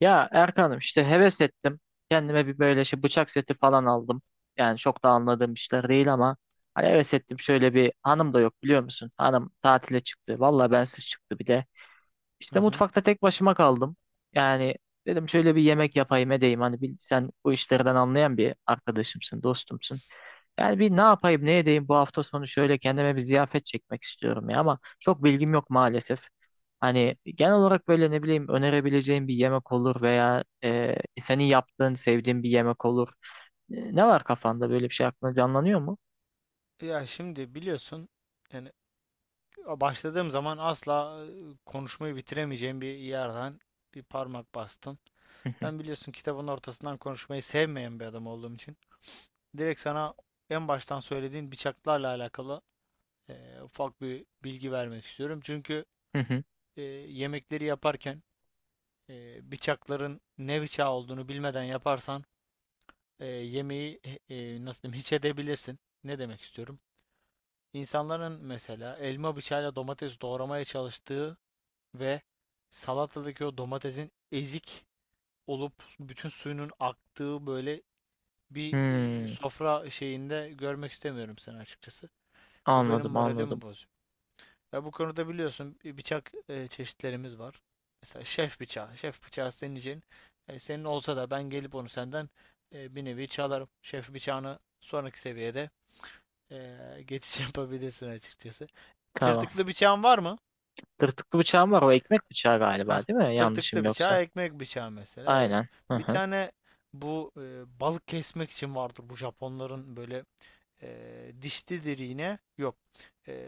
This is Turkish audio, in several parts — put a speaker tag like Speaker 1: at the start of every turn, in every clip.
Speaker 1: Ya Erkan'ım işte heves ettim. Kendime bir böyle şey bıçak seti falan aldım. Yani çok da anladığım işler değil ama hani heves ettim. Şöyle bir hanım da yok biliyor musun? Hanım tatile çıktı. Valla bensiz çıktı bir de.
Speaker 2: Hı
Speaker 1: İşte
Speaker 2: hı.
Speaker 1: mutfakta tek başıma kaldım. Yani dedim şöyle bir yemek yapayım edeyim. Hani sen bu işlerden anlayan bir arkadaşımsın, dostumsun. Yani bir ne yapayım ne edeyim bu hafta sonu şöyle kendime bir ziyafet çekmek istiyorum ya, ama çok bilgim yok maalesef. Hani genel olarak böyle ne bileyim önerebileceğim bir yemek olur veya senin yaptığın sevdiğin bir yemek olur. Ne var kafanda, böyle bir şey aklına canlanıyor mu?
Speaker 2: Ya şimdi biliyorsun yani başladığım zaman asla konuşmayı bitiremeyeceğim bir yerden bir parmak bastın.
Speaker 1: Hı hı,
Speaker 2: Ben biliyorsun kitabın ortasından konuşmayı sevmeyen bir adam olduğum için direkt sana en baştan söylediğin bıçaklarla alakalı ufak bir bilgi vermek istiyorum. Çünkü
Speaker 1: hı hı.
Speaker 2: e, yemekleri yaparken bıçakların ne bıçağı olduğunu bilmeden yaparsan yemeği nasıl diyeyim hiç edebilirsin. Ne demek istiyorum? İnsanların mesela elma bıçağıyla domates doğramaya çalıştığı ve salatadaki o domatesin ezik olup bütün suyunun aktığı böyle bir
Speaker 1: Hmm,
Speaker 2: sofra şeyinde görmek istemiyorum seni açıkçası. Bu benim
Speaker 1: anladım
Speaker 2: moralimi
Speaker 1: anladım.
Speaker 2: bozuyor. Ya bu konuda biliyorsun bir bıçak çeşitlerimiz var. Mesela şef bıçağı. Şef bıçağı senin için senin olsa da ben gelip onu senden bir nevi çalarım. Şef bıçağını sonraki seviyede geçiş yapabilirsin açıkçası.
Speaker 1: Tamam.
Speaker 2: Tırtıklı bıçağın var mı?
Speaker 1: Tırtıklı bıçağım var, o ekmek bıçağı
Speaker 2: Heh,
Speaker 1: galiba, değil mi? Yanlışım
Speaker 2: tırtıklı
Speaker 1: yoksa.
Speaker 2: bıçağı, ekmek bıçağı mesela evet.
Speaker 1: Aynen. Hı
Speaker 2: Bir
Speaker 1: hı,
Speaker 2: tane bu balık kesmek için vardır bu Japonların böyle dişlidir yine. Yok. E,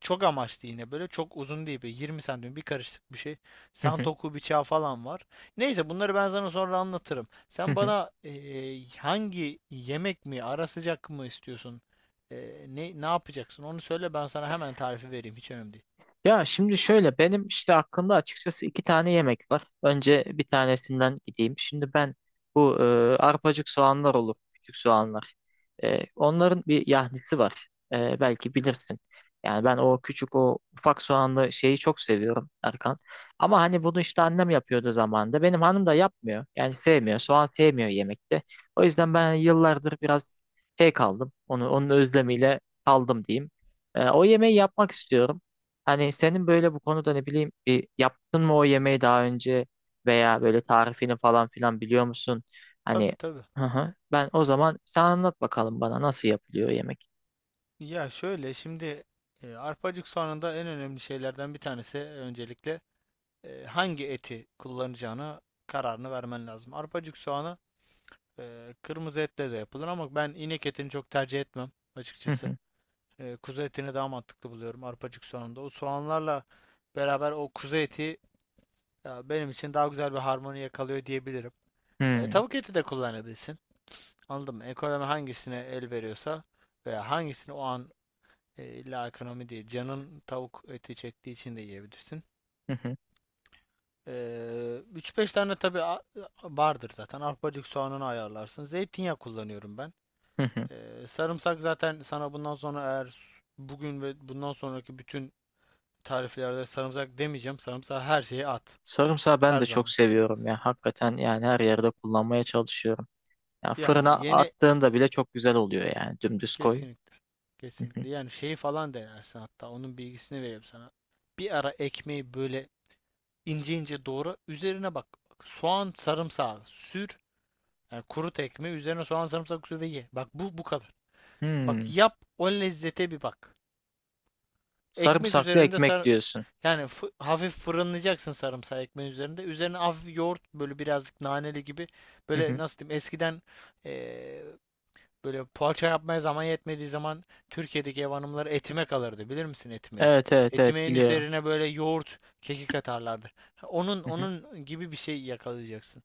Speaker 2: Çok amaçlı yine böyle. Çok uzun değil. Böyle 20 santim bir karışık bir şey.
Speaker 1: hı hı,
Speaker 2: Santoku bıçağı falan var. Neyse bunları ben sana sonra anlatırım.
Speaker 1: hı
Speaker 2: Sen
Speaker 1: hı.
Speaker 2: bana hangi yemek mi ara sıcak mı istiyorsun? Ne yapacaksın? Onu söyle ben sana hemen tarifi vereyim. Hiç önemli değil.
Speaker 1: Ya şimdi şöyle, benim işte aklımda açıkçası iki tane yemek var. Önce bir tanesinden gideyim. Şimdi ben bu arpacık soğanlar olur, küçük soğanlar. Onların bir yahnisi var. Belki bilirsin. Yani ben o küçük, o ufak soğanlı şeyi çok seviyorum Erkan. Ama hani bunu işte annem yapıyordu zamanında. Benim hanım da yapmıyor. Yani sevmiyor. Soğan sevmiyor yemekte. O yüzden ben hani yıllardır biraz şey kaldım. Onun özlemiyle kaldım diyeyim. O yemeği yapmak istiyorum. Hani senin böyle bu konuda, ne bileyim, bir yaptın mı o yemeği daha önce veya böyle tarifini falan filan biliyor musun? Hani.
Speaker 2: Tabii tabii.
Speaker 1: Hı hı. Ben o zaman, sen anlat bakalım bana, nasıl yapılıyor yemek.
Speaker 2: Ya şöyle şimdi arpacık soğanında en önemli şeylerden bir tanesi öncelikle hangi eti kullanacağına kararını vermen lazım. Arpacık soğanı kırmızı etle de yapılır ama ben inek etini çok tercih etmem
Speaker 1: Hı
Speaker 2: açıkçası.
Speaker 1: hı.
Speaker 2: Kuzu etini daha mantıklı buluyorum arpacık soğanında. O soğanlarla beraber o kuzu eti ya, benim için daha güzel bir harmoni yakalıyor diyebilirim. Ee,
Speaker 1: Hı
Speaker 2: tavuk eti de kullanabilirsin. Anladın mı? Ekonomi hangisine el veriyorsa veya hangisini o an illa ekonomi değil. Canın tavuk eti çektiği için de yiyebilirsin.
Speaker 1: hı, hı
Speaker 2: 3-5 tane tabii vardır zaten. Arpacık soğanını ayarlarsın. Zeytinyağı kullanıyorum ben.
Speaker 1: hı, hı.
Speaker 2: Sarımsak zaten sana bundan sonra eğer bugün ve bundan sonraki bütün tariflerde sarımsak demeyeceğim. Sarımsağı her şeye at.
Speaker 1: Sarımsağı ben
Speaker 2: Her
Speaker 1: de çok
Speaker 2: zaman.
Speaker 1: seviyorum ya. Hakikaten yani her yerde kullanmaya çalışıyorum. Ya
Speaker 2: Yani
Speaker 1: fırına
Speaker 2: yeni
Speaker 1: attığında bile çok güzel oluyor yani. Dümdüz koy.
Speaker 2: kesinlikle.
Speaker 1: Hı hı.
Speaker 2: Kesinlikle. Yani şeyi falan denersin hatta. Onun bilgisini vereyim sana. Bir ara ekmeği böyle ince ince doğra. Üzerine bak. Soğan, sarımsağı sür. Yani kurut ekmeği üzerine soğan, sarımsak sür ve ye. Bak bu kadar. Bak
Speaker 1: Hmm.
Speaker 2: yap o lezzete bir bak. Ekmek
Speaker 1: Sarımsaklı
Speaker 2: üzerinde
Speaker 1: ekmek
Speaker 2: sar
Speaker 1: diyorsun.
Speaker 2: yani hafif fırınlayacaksın sarımsağı ekmeğin üzerinde. Üzerine hafif yoğurt böyle birazcık naneli gibi
Speaker 1: Hı
Speaker 2: böyle
Speaker 1: hı.
Speaker 2: nasıl diyeyim eskiden eee, böyle poğaça yapmaya zaman yetmediği zaman Türkiye'deki ev hanımları etime kalırdı. Bilir misin etimeyi?
Speaker 1: Evet, evet, evet,
Speaker 2: Etimeğin
Speaker 1: biliyorum.
Speaker 2: üzerine böyle yoğurt, kekik atarlardı. Ha, Onun
Speaker 1: Hı hı.
Speaker 2: onun gibi bir şey yakalayacaksın.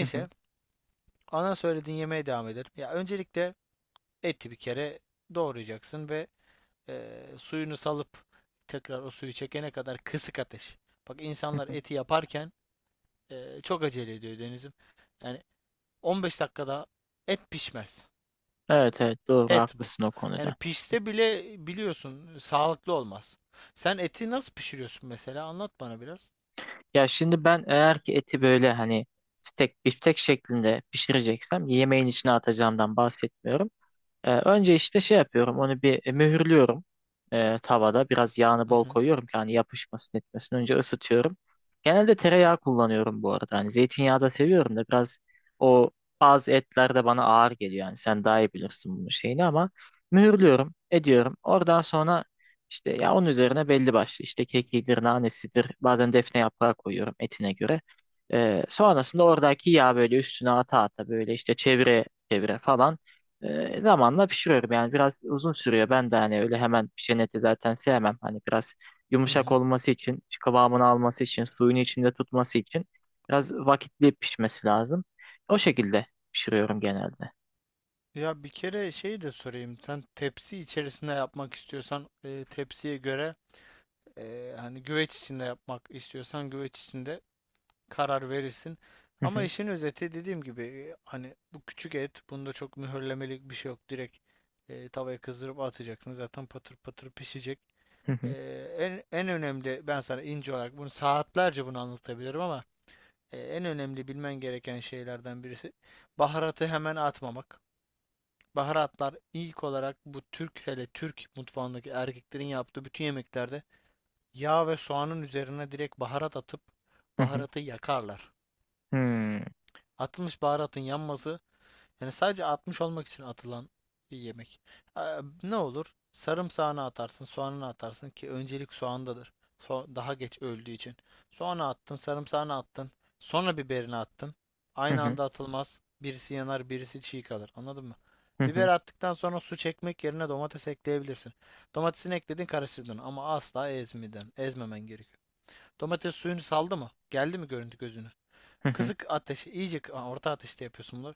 Speaker 1: Hı hı.
Speaker 2: ana söylediğin yemeğe devam edelim. Ya öncelikle eti bir kere doğrayacaksın ve suyunu salıp tekrar o suyu çekene kadar kısık ateş. Bak insanlar eti yaparken çok acele ediyor Deniz'im. Yani 15 dakikada et pişmez.
Speaker 1: Evet, evet, doğru,
Speaker 2: Et bu.
Speaker 1: haklısın o
Speaker 2: Yani
Speaker 1: konuda.
Speaker 2: pişse bile biliyorsun sağlıklı olmaz. Sen eti nasıl pişiriyorsun mesela? Anlat bana biraz.
Speaker 1: Ya şimdi ben, eğer ki eti böyle hani steak, biftek şeklinde pişireceksem, yemeğin içine atacağımdan bahsetmiyorum. Önce işte şey yapıyorum, onu bir mühürlüyorum, tavada biraz yağını
Speaker 2: Hı
Speaker 1: bol
Speaker 2: hı.
Speaker 1: koyuyorum ki hani yapışmasın etmesin, önce ısıtıyorum. Genelde tereyağı kullanıyorum bu arada, hani zeytinyağı da seviyorum da biraz o, bazı etler de bana ağır geliyor, yani sen daha iyi bilirsin bunun şeyini, ama mühürlüyorum ediyorum, oradan sonra işte ya onun üzerine belli başlı, işte kekidir, nanesidir, bazen defne yaprağı koyuyorum etine göre. Sonrasında oradaki yağ böyle üstüne ata ata, böyle işte çevire çevire falan. Zamanla pişiriyorum yani, biraz uzun sürüyor. Ben de hani öyle hemen pişen eti zaten sevmem. Hani biraz
Speaker 2: Hı
Speaker 1: yumuşak
Speaker 2: hı.
Speaker 1: olması için, işte kıvamını alması için, suyunu içinde tutması için biraz vakitli pişmesi lazım. O şekilde pişiriyorum genelde.
Speaker 2: Ya bir kere şey de sorayım. Sen tepsi içerisinde yapmak istiyorsan tepsiye göre hani güveç içinde yapmak istiyorsan güveç içinde karar verirsin.
Speaker 1: Hı
Speaker 2: Ama
Speaker 1: hı,
Speaker 2: işin özeti dediğim gibi hani bu küçük et bunda çok mühürlemelik bir şey yok. Direkt tavaya kızdırıp atacaksın. Zaten patır patır pişecek.
Speaker 1: hı
Speaker 2: E,
Speaker 1: hı,
Speaker 2: en önemli ben sana ince olarak bunu saatlerce bunu anlatabilirim ama en önemli bilmen gereken şeylerden birisi baharatı hemen atmamak. Baharatlar ilk olarak bu Türk hele Türk mutfağındaki erkeklerin yaptığı bütün yemeklerde yağ ve soğanın üzerine direkt baharat atıp
Speaker 1: hı hı,
Speaker 2: baharatı yakarlar.
Speaker 1: hmm,
Speaker 2: Atılmış baharatın yanması yani sadece atmış olmak için atılan bir yemek. Ee, ne olur? Sarımsağını atarsın, soğanını atarsın ki öncelik soğandadır. Daha geç öldüğü için. Soğanı attın, sarımsağını attın, sonra biberini attın.
Speaker 1: hı
Speaker 2: Aynı
Speaker 1: hı,
Speaker 2: anda atılmaz. Birisi yanar, birisi çiğ kalır. Anladın mı?
Speaker 1: hı hı,
Speaker 2: Biber attıktan sonra su çekmek yerine domates ekleyebilirsin. Domatesini ekledin, karıştırdın ama asla ezmeden, ezmemen gerekiyor. Domates suyunu saldı mı? Geldi mi görüntü gözüne?
Speaker 1: hı hı,
Speaker 2: Kısık ateş, iyice orta ateşte yapıyorsun bunları.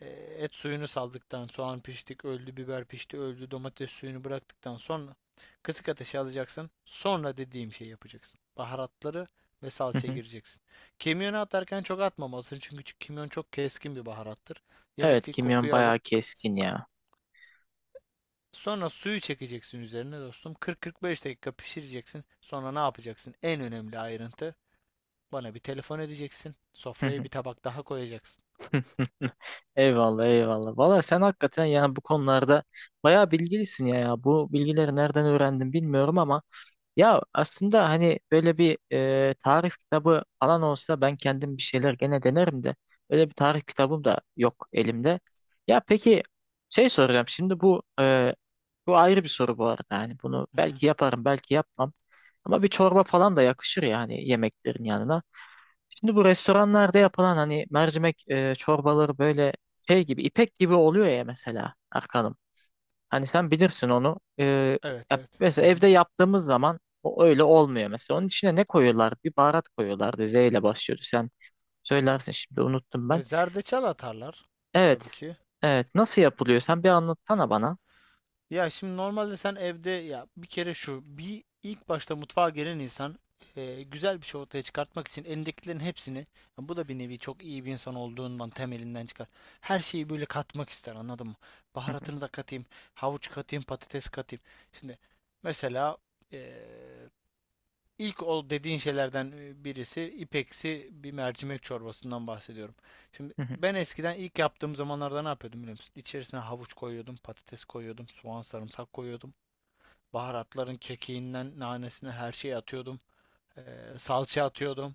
Speaker 2: Ee, et suyunu saldıktan, soğan piştik, öldü, biber pişti, öldü, domates suyunu bıraktıktan sonra kısık ateşe alacaksın. Sonra dediğim şeyi yapacaksın. Baharatları ve
Speaker 1: hı
Speaker 2: salçaya
Speaker 1: hı.
Speaker 2: gireceksin. Kimyonu atarken çok atmamalısın çünkü kimyon çok keskin bir baharattır.
Speaker 1: Evet,
Speaker 2: Yemekteki
Speaker 1: kimyon
Speaker 2: kokuyu
Speaker 1: bayağı
Speaker 2: alır.
Speaker 1: keskin ya.
Speaker 2: Sonra suyu çekeceksin üzerine dostum. 40-45 dakika pişireceksin. Sonra ne yapacaksın? En önemli ayrıntı. Bana bir telefon edeceksin.
Speaker 1: Hı hı, hı
Speaker 2: Sofraya
Speaker 1: hı.
Speaker 2: bir tabak daha koyacaksın.
Speaker 1: Eyvallah, eyvallah. Valla sen hakikaten yani bu konularda bayağı bilgilisin ya, ya. Bu bilgileri nereden öğrendin bilmiyorum ama ya aslında hani böyle bir tarif kitabı falan olsa ben kendim bir şeyler gene denerim de, öyle bir tarif kitabım da yok elimde. Ya peki, şey soracağım şimdi, bu bu ayrı bir soru bu arada, hani bunu
Speaker 2: Hı hı.
Speaker 1: belki yaparım belki yapmam, ama bir çorba falan da yakışır yani yemeklerin yanına. Şimdi bu restoranlarda yapılan hani mercimek çorbaları böyle şey gibi, ipek gibi oluyor ya mesela Erkan'ım. Hani sen bilirsin onu. Ee,
Speaker 2: Evet
Speaker 1: ya
Speaker 2: evet. Hı
Speaker 1: mesela
Speaker 2: hı.
Speaker 1: evde yaptığımız zaman o öyle olmuyor mesela. Onun içine ne koyuyorlar? Bir baharat koyuyorlardı. Z ile başlıyordu. Sen söylersin, şimdi unuttum ben.
Speaker 2: Zerdeçal atarlar
Speaker 1: Evet,
Speaker 2: tabii ki.
Speaker 1: evet. Nasıl yapılıyor? Sen bir anlatsana bana.
Speaker 2: Ya şimdi normalde sen evde ya bir kere şu bir ilk başta mutfağa gelen insan güzel bir şey ortaya çıkartmak için elindekilerin hepsini ya bu da bir nevi çok iyi bir insan olduğundan temelinden çıkar. Her şeyi böyle katmak ister anladın mı? Baharatını da katayım, havuç katayım, patates katayım. Şimdi mesela e, İlk ol dediğin şeylerden birisi ipeksi bir mercimek çorbasından bahsediyorum. Şimdi ben eskiden ilk yaptığım zamanlarda ne yapıyordum biliyor musun? İçerisine havuç koyuyordum, patates koyuyordum, soğan, sarımsak koyuyordum. Baharatların kekiğinden nanesine her şeyi atıyordum. Salça atıyordum.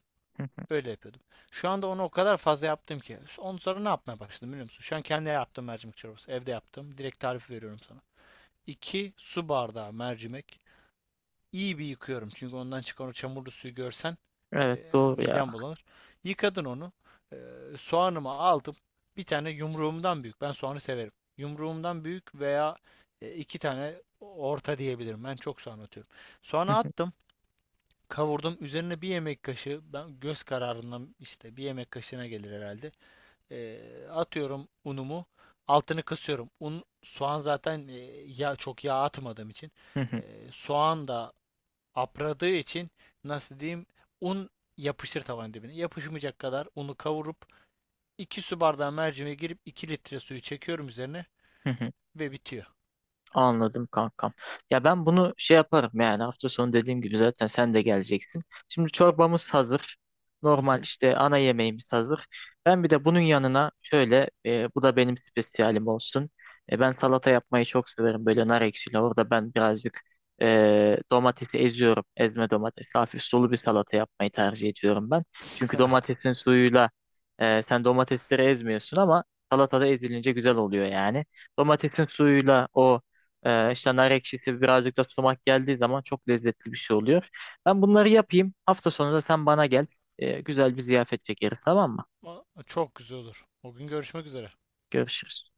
Speaker 2: Böyle yapıyordum. Şu anda onu o kadar fazla yaptım ki. Ondan sonra ne yapmaya başladım biliyor musun? Şu an kendi yaptığım mercimek çorbası. Evde yaptım. Direkt tarifi veriyorum sana. 2 su bardağı mercimek. İyi bir yıkıyorum. Çünkü ondan çıkan o çamurlu suyu görsen
Speaker 1: Evet, doğru ya.
Speaker 2: midem bulanır. Yıkadın onu. E, soğanımı aldım. Bir tane yumruğumdan büyük. Ben soğanı severim. Yumruğumdan büyük veya iki tane orta diyebilirim. Ben çok soğan atıyorum. Soğanı attım. Kavurdum. Üzerine bir yemek kaşığı, ben göz kararından işte bir yemek kaşığına gelir herhalde. E, atıyorum unumu. Altını kısıyorum. Un, soğan zaten yağ, çok yağ atmadığım için. E, soğan da apradığı için nasıl diyeyim un yapışır tavanın dibine. Yapışmayacak kadar unu kavurup 2 su bardağı mercimeğe girip 2 litre suyu çekiyorum üzerine ve bitiyor.
Speaker 1: Anladım kankam. Ya ben bunu şey yaparım yani, hafta sonu dediğim gibi zaten sen de geleceksin. Şimdi çorbamız hazır.
Speaker 2: Hı
Speaker 1: Normal
Speaker 2: hı.
Speaker 1: işte ana yemeğimiz hazır. Ben bir de bunun yanına şöyle bu da benim spesiyalim olsun. Ben salata yapmayı çok severim, böyle nar ekşili. Orada ben birazcık domatesi eziyorum. Ezme domates. Hafif sulu bir salata yapmayı tercih ediyorum ben. Çünkü domatesin suyuyla, sen domatesleri ezmiyorsun ama salatada ezilince güzel oluyor yani. Domatesin suyuyla o, işte nar ekşisi, birazcık da sumak geldiği zaman çok lezzetli bir şey oluyor. Ben bunları yapayım. Hafta sonu da sen bana gel. Güzel bir ziyafet çekeriz, tamam mı?
Speaker 2: Çok güzel olur. O gün görüşmek üzere.
Speaker 1: Görüşürüz.